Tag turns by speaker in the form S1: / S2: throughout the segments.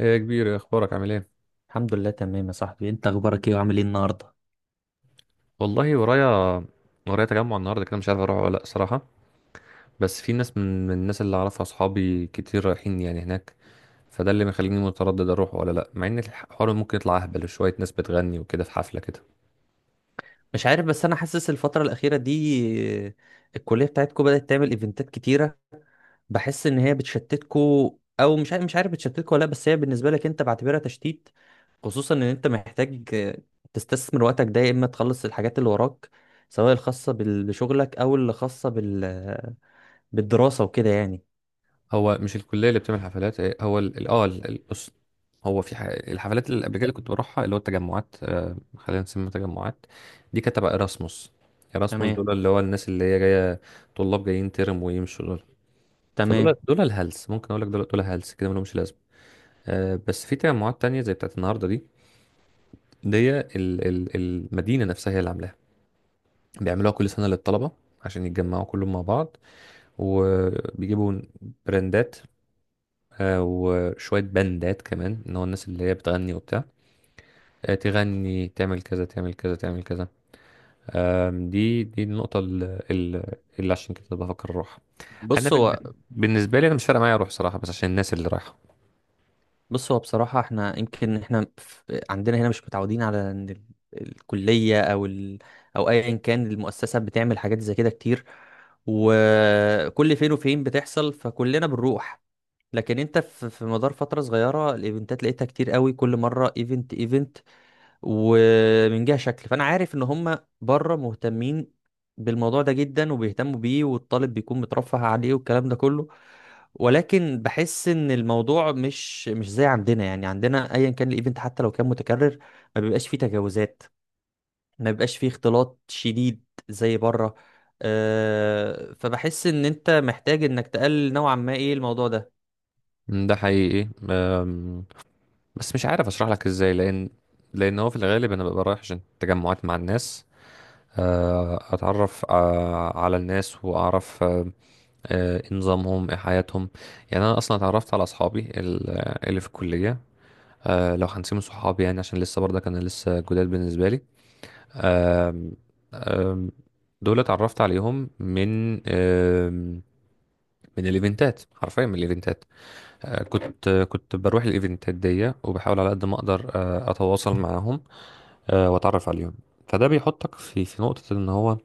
S1: ايه يا كبير، إيه اخبارك؟ عامل ايه؟
S2: الحمد لله تمام يا صاحبي، انت اخبارك ايه وعامل ايه النهارده؟
S1: والله ورايا. ورايا تجمع النهارده كده، مش عارف اروح ولا لا صراحه. بس في ناس من الناس اللي اعرفها، اصحابي كتير رايحين يعني هناك. فده اللي مخليني متردد اروح ولا لا، مع ان الحوار ممكن يطلع اهبل شويه، ناس بتغني وكده في حفله كده.
S2: مش عارف بس انا حاسس الفتره الاخيره دي الكليه بتاعتكو بدات تعمل ايفنتات كتيره. بحس ان هي بتشتتكو، او مش عارف بتشتتكو ولا لا، بس هي بالنسبه لك انت بعتبرها تشتيت. خصوصا ان انت محتاج تستثمر وقتك ده، يا اما تخلص الحاجات اللي وراك سواء الخاصه بشغلك او اللي خاصه بالدراسه وكده يعني.
S1: هو مش الكليه اللي بتعمل حفلات إيه، هو بص. هو في الحفلات اللي قبل كده اللي كنت بروحها، اللي هو التجمعات، خلينا نسميها تجمعات. دي كانت تبع ايراسموس. ايراسموس
S2: تمام.
S1: دول اللي هو الناس اللي هي جايه، طلاب جايين ترم ويمشوا. فدول
S2: تمام.
S1: دول الهلس، ممكن اقول لك دول هلس كده ملهمش لازمه. آه، بس في تجمعات تانية زي بتاعت النهارده دي. دي المدينه نفسها هي اللي عاملاها، بيعملوها كل سنه للطلبه عشان يتجمعوا كلهم مع بعض، وبيجيبوا براندات. وشويه بندات كمان، ان هو الناس اللي هي بتغني وبتاع. تغني، تعمل كذا تعمل كذا تعمل كذا. دي النقطه اللي عشان كده بفكر اروح. انا
S2: بص هو
S1: بالنسبه لي، انا مش فارقه معايا اروح صراحه، بس عشان الناس اللي رايحه.
S2: بص هو بصراحة احنا يمكن احنا عندنا هنا مش متعودين على ان الكلية او ال، او ايا كان المؤسسة، بتعمل حاجات زي كده كتير وكل فين وفين بتحصل، فكلنا بنروح. لكن انت في مدار فترة صغيرة الايفنتات لقيتها كتير قوي، كل مرة ايفنت ايفنت. ومن جهة شكل فانا عارف ان هم بره مهتمين بالموضوع ده جدا وبيهتموا بيه، والطالب بيكون مترفه عليه والكلام ده كله. ولكن بحس ان الموضوع مش زي عندنا. يعني عندنا ايا كان الايفنت حتى لو كان متكرر ما بيبقاش فيه تجاوزات، ما بيبقاش فيه اختلاط شديد زي بره. أه، فبحس ان انت محتاج انك تقلل نوعا ما ايه الموضوع ده.
S1: ده حقيقي، بس مش عارف اشرح لك ازاي، لان هو في الغالب انا ببقى رايح عشان تجمعات مع الناس. اتعرف على الناس، واعرف إيه نظامهم، ايه حياتهم. يعني انا اصلا اتعرفت على اصحابي اللي في الكليه. لو هنسيب صحابي يعني، عشان لسه برضه كان لسه جداد بالنسبه لي. آم، آم، دول اتعرفت عليهم من الايفنتات، حرفيا من الايفنتات. كنت بروح الايفنتات دي، وبحاول على قد ما اقدر اتواصل معاهم واتعرف عليهم. فده بيحطك في نقطة، ان هو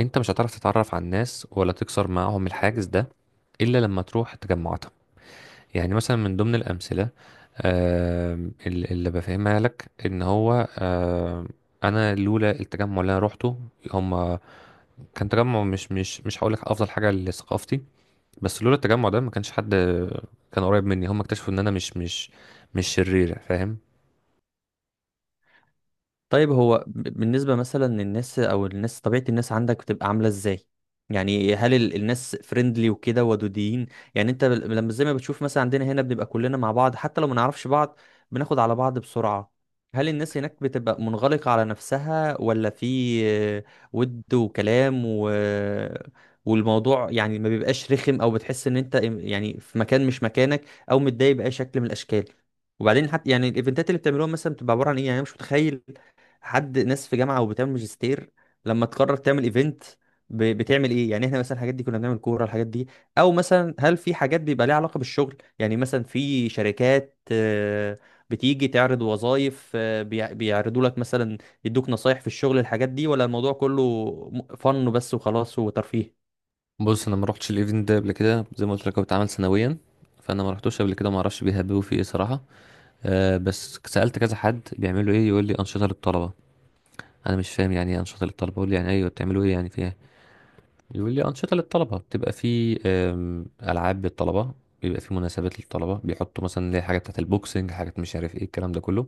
S1: انت مش هتعرف تتعرف على الناس، ولا تكسر معاهم الحاجز ده، الا لما تروح تجمعاتهم. يعني مثلا من ضمن الامثلة، اللي بفهمها لك، ان هو انا لولا التجمع اللي انا روحته، هم كان تجمع مش هقول لك افضل حاجة لثقافتي، بس لولا التجمع ده ما كانش حد كان قريب مني. هم اكتشفوا ان انا مش شرير، فاهم؟
S2: طيب هو بالنسبة مثلا للناس، أو الناس طبيعة الناس عندك بتبقى عاملة إزاي؟ يعني هل الناس فريندلي وكده ودودين؟ يعني أنت لما زي ما بتشوف مثلا عندنا هنا بنبقى كلنا مع بعض حتى لو ما نعرفش بعض بناخد على بعض بسرعة. هل الناس هناك بتبقى منغلقة على نفسها، ولا في ود وكلام والموضوع يعني ما بيبقاش رخم، أو بتحس إن أنت يعني في مكان مش مكانك أو متضايق بأي شكل من الأشكال؟ وبعدين حتى يعني الايفنتات اللي بتعملوها مثلا بتبقى عباره عن ايه؟ يعني انا مش متخيل حد ناس في جامعه وبتعمل ماجستير لما تقرر تعمل ايفنت بتعمل ايه. يعني احنا مثلا الحاجات دي كنا بنعمل كوره الحاجات دي، او مثلا هل في حاجات بيبقى ليها علاقه بالشغل؟ يعني مثلا في شركات بتيجي تعرض وظائف، بيعرضوا لك مثلا يدوك نصايح في الشغل، الحاجات دي، ولا الموضوع كله فن بس وخلاص وترفيه؟
S1: بص، انا ما روحتش الايفنت ده قبل كده، زي ما قلت لك هو بيتعمل سنويا، فانا ما رحتوش قبل كده، ما اعرفش بيهببوا فيه ايه صراحه. بس سالت كذا حد بيعملوا ايه، يقول لي انشطه للطلبه. انا مش فاهم يعني ايه انشطه للطلبه، اقول له يعني ايوه بتعملوا ايه يعني فيها؟ يقول لي انشطه للطلبه بتبقى في العاب للطلبه، بيبقى في مناسبات للطلبه، بيحطوا مثلا اللي هي حاجات بتاعت البوكسنج، حاجات مش عارف ايه الكلام ده كله.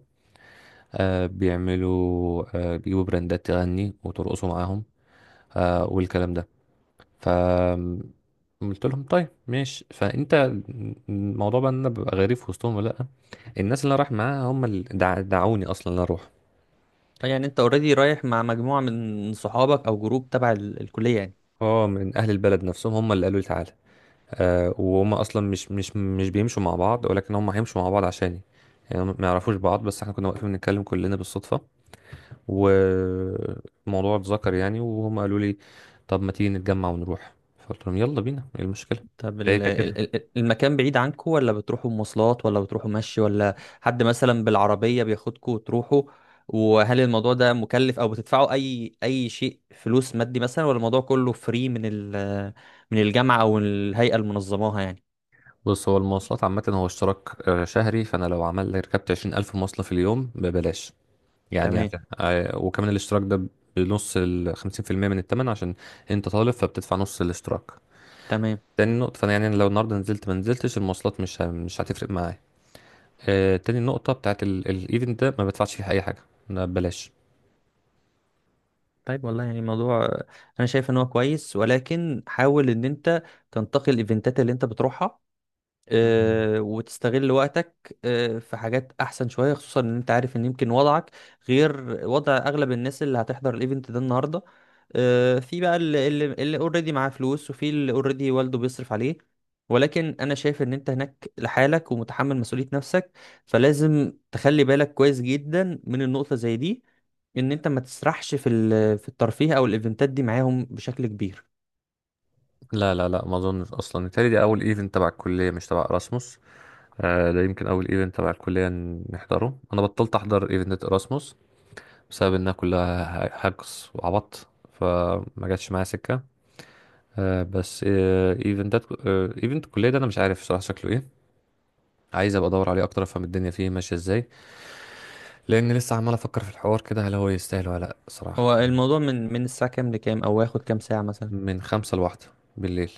S1: بيعملوا، بيجيبوا براندات تغني وترقصوا معاهم، والكلام ده. ف قلت لهم طيب ماشي، فانت الموضوع بقى ان انا ببقى غريب في وسطهم ولا لا؟ الناس اللي أنا رايح معاها هم اللي دعوني اصلا ان أنا اروح.
S2: يعني انت اوريدي رايح مع مجموعه من صحابك او جروب تبع الكليه يعني.
S1: اه من اهل البلد نفسهم، هم اللي قالوا لي تعالى. وهم اصلا مش بيمشوا مع بعض، ولكن هم هيمشوا مع بعض عشاني. يعني هم ما يعرفوش بعض، بس احنا كنا واقفين بنتكلم كلنا بالصدفة والموضوع اتذكر يعني، وهم قالوا لي طب ما تيجي نتجمع ونروح، فقلت لهم يلا بينا ايه المشكلة.
S2: طب
S1: فهي كانت كده.
S2: المكان بعيد عنكم، ولا بتروحوا مواصلات ولا بتروحوا مشي، ولا حد مثلا بالعربية بياخدكم وتروحوا؟ وهل الموضوع ده مكلف او بتدفعوا اي شيء فلوس مادي مثلا، ولا الموضوع كله فري من ال، من الجامعة او الهيئة اللي منظماها يعني؟
S1: بص، هو المواصلات عامة، هو اشتراك شهري، فأنا لو عمل ركبت 20,000 مواصلة في اليوم ببلاش يعني.
S2: تمام.
S1: عشان وكمان الاشتراك ده بنص 50% من التمن، عشان أنت طالب فبتدفع نص الاشتراك.
S2: تمام.
S1: تاني نقطة، فأنا يعني لو النهاردة نزلت ما نزلتش المواصلات مش هتفرق معايا. تاني نقطة بتاعت الايفنت ده، ما بدفعش فيه أي حاجة، ده ببلاش.
S2: طيب، والله يعني الموضوع انا شايف ان هو كويس، ولكن حاول ان انت تنتقي الايفنتات اللي انت بتروحها،
S1: مم.
S2: وتستغل وقتك في حاجات احسن شويه. خصوصا ان انت عارف ان يمكن وضعك غير وضع اغلب الناس اللي هتحضر الايفنت ده النهارده. في بقى اللي اوريدي معاه فلوس، وفي اللي اوريدي والده بيصرف عليه. ولكن انا شايف ان انت هناك لحالك ومتحمل مسؤوليه نفسك، فلازم تخلي بالك كويس جدا من النقطه زي دي، ان انت ما تسرحش في الترفيه او الايفنتات دي معاهم بشكل كبير.
S1: لا لا لا، ما اظنش اصلا، التالي دي اول ايفنت تبع الكليه، مش تبع erasmus. ده يمكن اول ايفنت تبع الكليه نحضره، انا بطلت احضر ايفنت erasmus بسبب انها كلها حجز وعبط، فما جاتش معايا سكه. بس ايفنتات، ايفنت الكليه ده انا مش عارف صراحه شكله ايه، عايز ابقى ادور عليه اكتر، افهم الدنيا فيه ماشيه ازاي، لان لسه عمال افكر في الحوار كده هل هو يستاهل ولا لا صراحه.
S2: هو الموضوع من الساعه كام لكام، او واخد كام ساعه مثلا
S1: من خمسة لواحدة بالليل.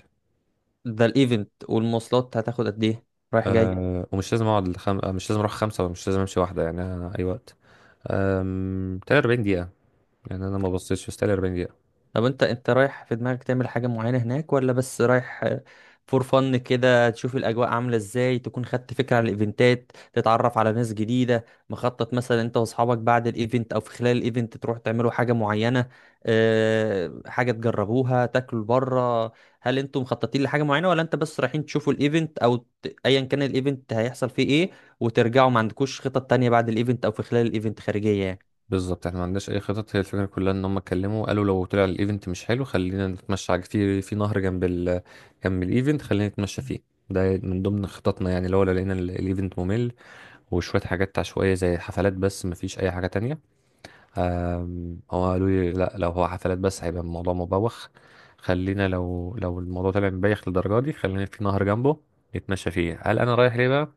S2: ده الايفنت؟ والمواصلات هتاخد قد ايه، رايح جاي؟
S1: ومش لازم اقعد مش لازم اروح خمسة، ومش لازم امشي واحدة، يعني أنا اي وقت. 43 دقيقة، يعني انا ما بصيتش، بس 43 دقيقة.
S2: طب انت رايح في دماغك تعمل حاجة معينة هناك، ولا بس رايح فور فن كده تشوف الاجواء عاملة ازاي، تكون خدت فكرة عن الايفنتات، تتعرف على ناس جديدة؟ مخطط مثلا انت واصحابك بعد الايفنت او في خلال الايفنت تروح تعملوا حاجة معينة، اه حاجة تجربوها، تاكلوا بره؟ هل انتم مخططين لحاجة معينة، ولا انت بس رايحين تشوفوا الايفنت، او ايا كان الايفنت هيحصل فيه ايه وترجعوا، ما عندكوش خطط تانية بعد الايفنت او في خلال الايفنت خارجية يعني؟
S1: بالظبط احنا ما عندناش اي خطط، هي الفكره كلها ان هم اتكلموا قالوا لو طلع الايفنت مش حلو خلينا نتمشى على في نهر جنب الايفنت، خلينا نتمشى فيه. ده من ضمن خططنا، يعني لو لقينا الايفنت ممل وشويه حاجات عشوائيه زي حفلات بس، ما فيش اي حاجه تانية. هو قالوا لي لا لو هو حفلات بس هيبقى الموضوع مبوخ، خلينا لو الموضوع طلع مبايخ للدرجه دي خلينا في نهر جنبه نتمشى فيه. هل انا رايح ليه بقى؟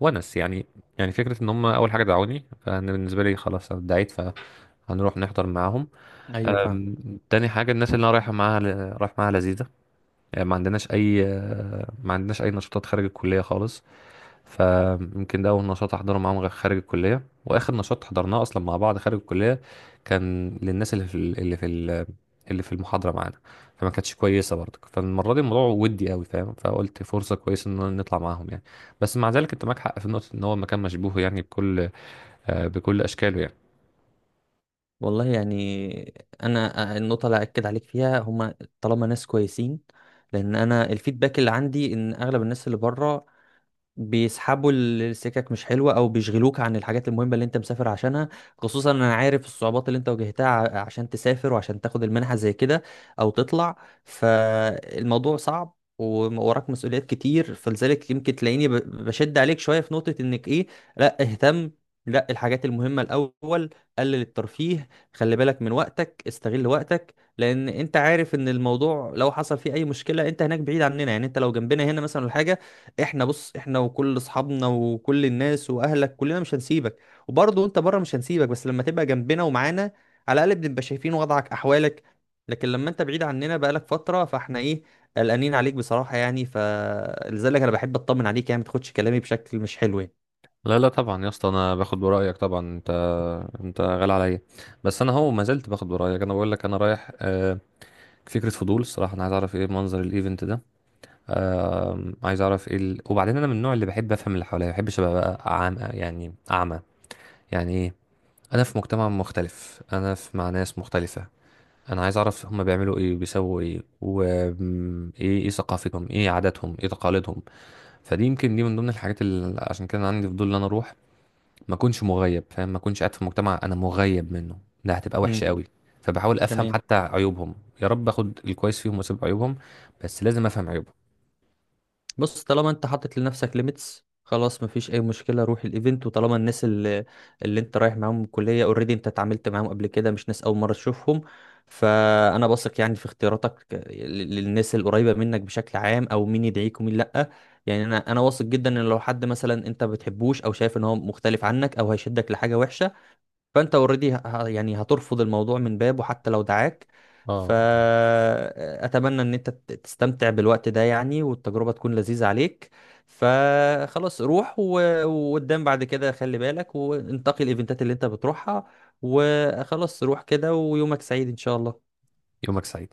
S1: ونس يعني، يعني فكرة ان هم اول حاجة دعوني. فانا بالنسبة لي خلاص أنا اتدعيت فهنروح نحضر معاهم.
S2: ايوه فاهم.
S1: تاني حاجة الناس اللي انا رايح معاها لذيذة. يعني ما عندناش اي نشاطات خارج الكلية خالص. فيمكن ده اول نشاط احضره معاهم خارج الكليه، واخر نشاط حضرناه اصلا مع بعض خارج الكليه كان للناس اللي في المحاضره معانا. فما كانتش كويسه برضه، فالمره دي الموضوع ودي قوي فاهم، فقلت فرصه كويسه ان نطلع معاهم يعني. بس مع ذلك انت معاك حق في نقطه ان هو مكان مشبوه يعني بكل اشكاله يعني.
S2: والله يعني انا النقطه اللي اكد عليك فيها هما، طالما ناس كويسين، لان انا الفيدباك اللي عندي ان اغلب الناس اللي بره بيسحبوا السكك مش حلوة او بيشغلوك عن الحاجات المهمة اللي انت مسافر عشانها. خصوصا انا عارف الصعوبات اللي انت واجهتها عشان تسافر وعشان تاخد المنحة زي كده او تطلع. فالموضوع صعب ووراك مسؤوليات كتير، فلذلك يمكن تلاقيني بشد عليك شوية في نقطة انك ايه، لا اهتم، لا الحاجات المهمة الأول، قلل الترفيه، خلي بالك من وقتك، استغل وقتك. لأن أنت عارف إن الموضوع لو حصل فيه أي مشكلة أنت هناك بعيد عننا. يعني أنت لو جنبنا هنا مثلا الحاجة، احنا بص، احنا وكل اصحابنا وكل الناس واهلك كلنا مش هنسيبك. وبرضه انت بره مش هنسيبك، بس لما تبقى جنبنا ومعانا على الاقل بنبقى شايفين وضعك احوالك. لكن لما انت بعيد عننا بقالك فتره فاحنا ايه، قلقانين عليك بصراحه يعني. فلذلك انا بحب اطمن عليك يعني، ما تاخدش كلامي بشكل مش حلو يعني.
S1: لا لا، طبعا يا اسطى، انا باخد برايك طبعا، انت غالي عليا. بس انا هو ما زلت باخد برايك، انا بقول لك انا رايح فكرة فضول الصراحة، أنا عايز أعرف إيه منظر الإيفنت ده. آه عايز اعرف ايه وبعدين انا من النوع اللي بحب افهم اللي حواليا، ما بحبش ابقى بقى عام يعني، اعمى يعني. ايه، انا في مجتمع مختلف، انا في مع ناس مختلفة. انا عايز اعرف هم بيعملوا ايه، بيسووا ايه، وايه ايه إيه ثقافتهم، ايه عاداتهم، ايه تقاليدهم. فدي يمكن دي من ضمن الحاجات اللي عشان كده أنا عندي فضول ان انا اروح، ما اكونش مغيب، فاهم؟ ما اكونش قاعد في مجتمع انا مغيب منه، ده هتبقى
S2: امم.
S1: وحشة قوي. فبحاول افهم
S2: تمام.
S1: حتى عيوبهم، يا رب اخد الكويس فيهم واسيب عيوبهم، بس لازم افهم عيوبهم.
S2: بص، طالما انت حاطط لنفسك ليميتس خلاص، مفيش اي مشكله، روح الايفنت. وطالما الناس اللي انت رايح معاهم الكليه اوريدي انت اتعاملت معاهم قبل كده، مش ناس اول مره تشوفهم، فانا بثق يعني في اختياراتك للناس القريبه منك بشكل عام، او مين يدعيك ومين لا. يعني انا واثق جدا ان لو حد مثلا انت ما بتحبوش او شايف ان هو مختلف عنك او هيشدك لحاجه وحشه فانت اوريدي يعني هترفض الموضوع من بابه حتى لو دعاك.
S1: اه
S2: فاتمنى ان انت تستمتع بالوقت ده يعني، والتجربة تكون لذيذة عليك. فخلاص روح وقدام بعد كده خلي بالك وانتقي الايفنتات اللي انت بتروحها. وخلاص روح كده، ويومك سعيد ان شاء الله.
S1: يومك سعيد.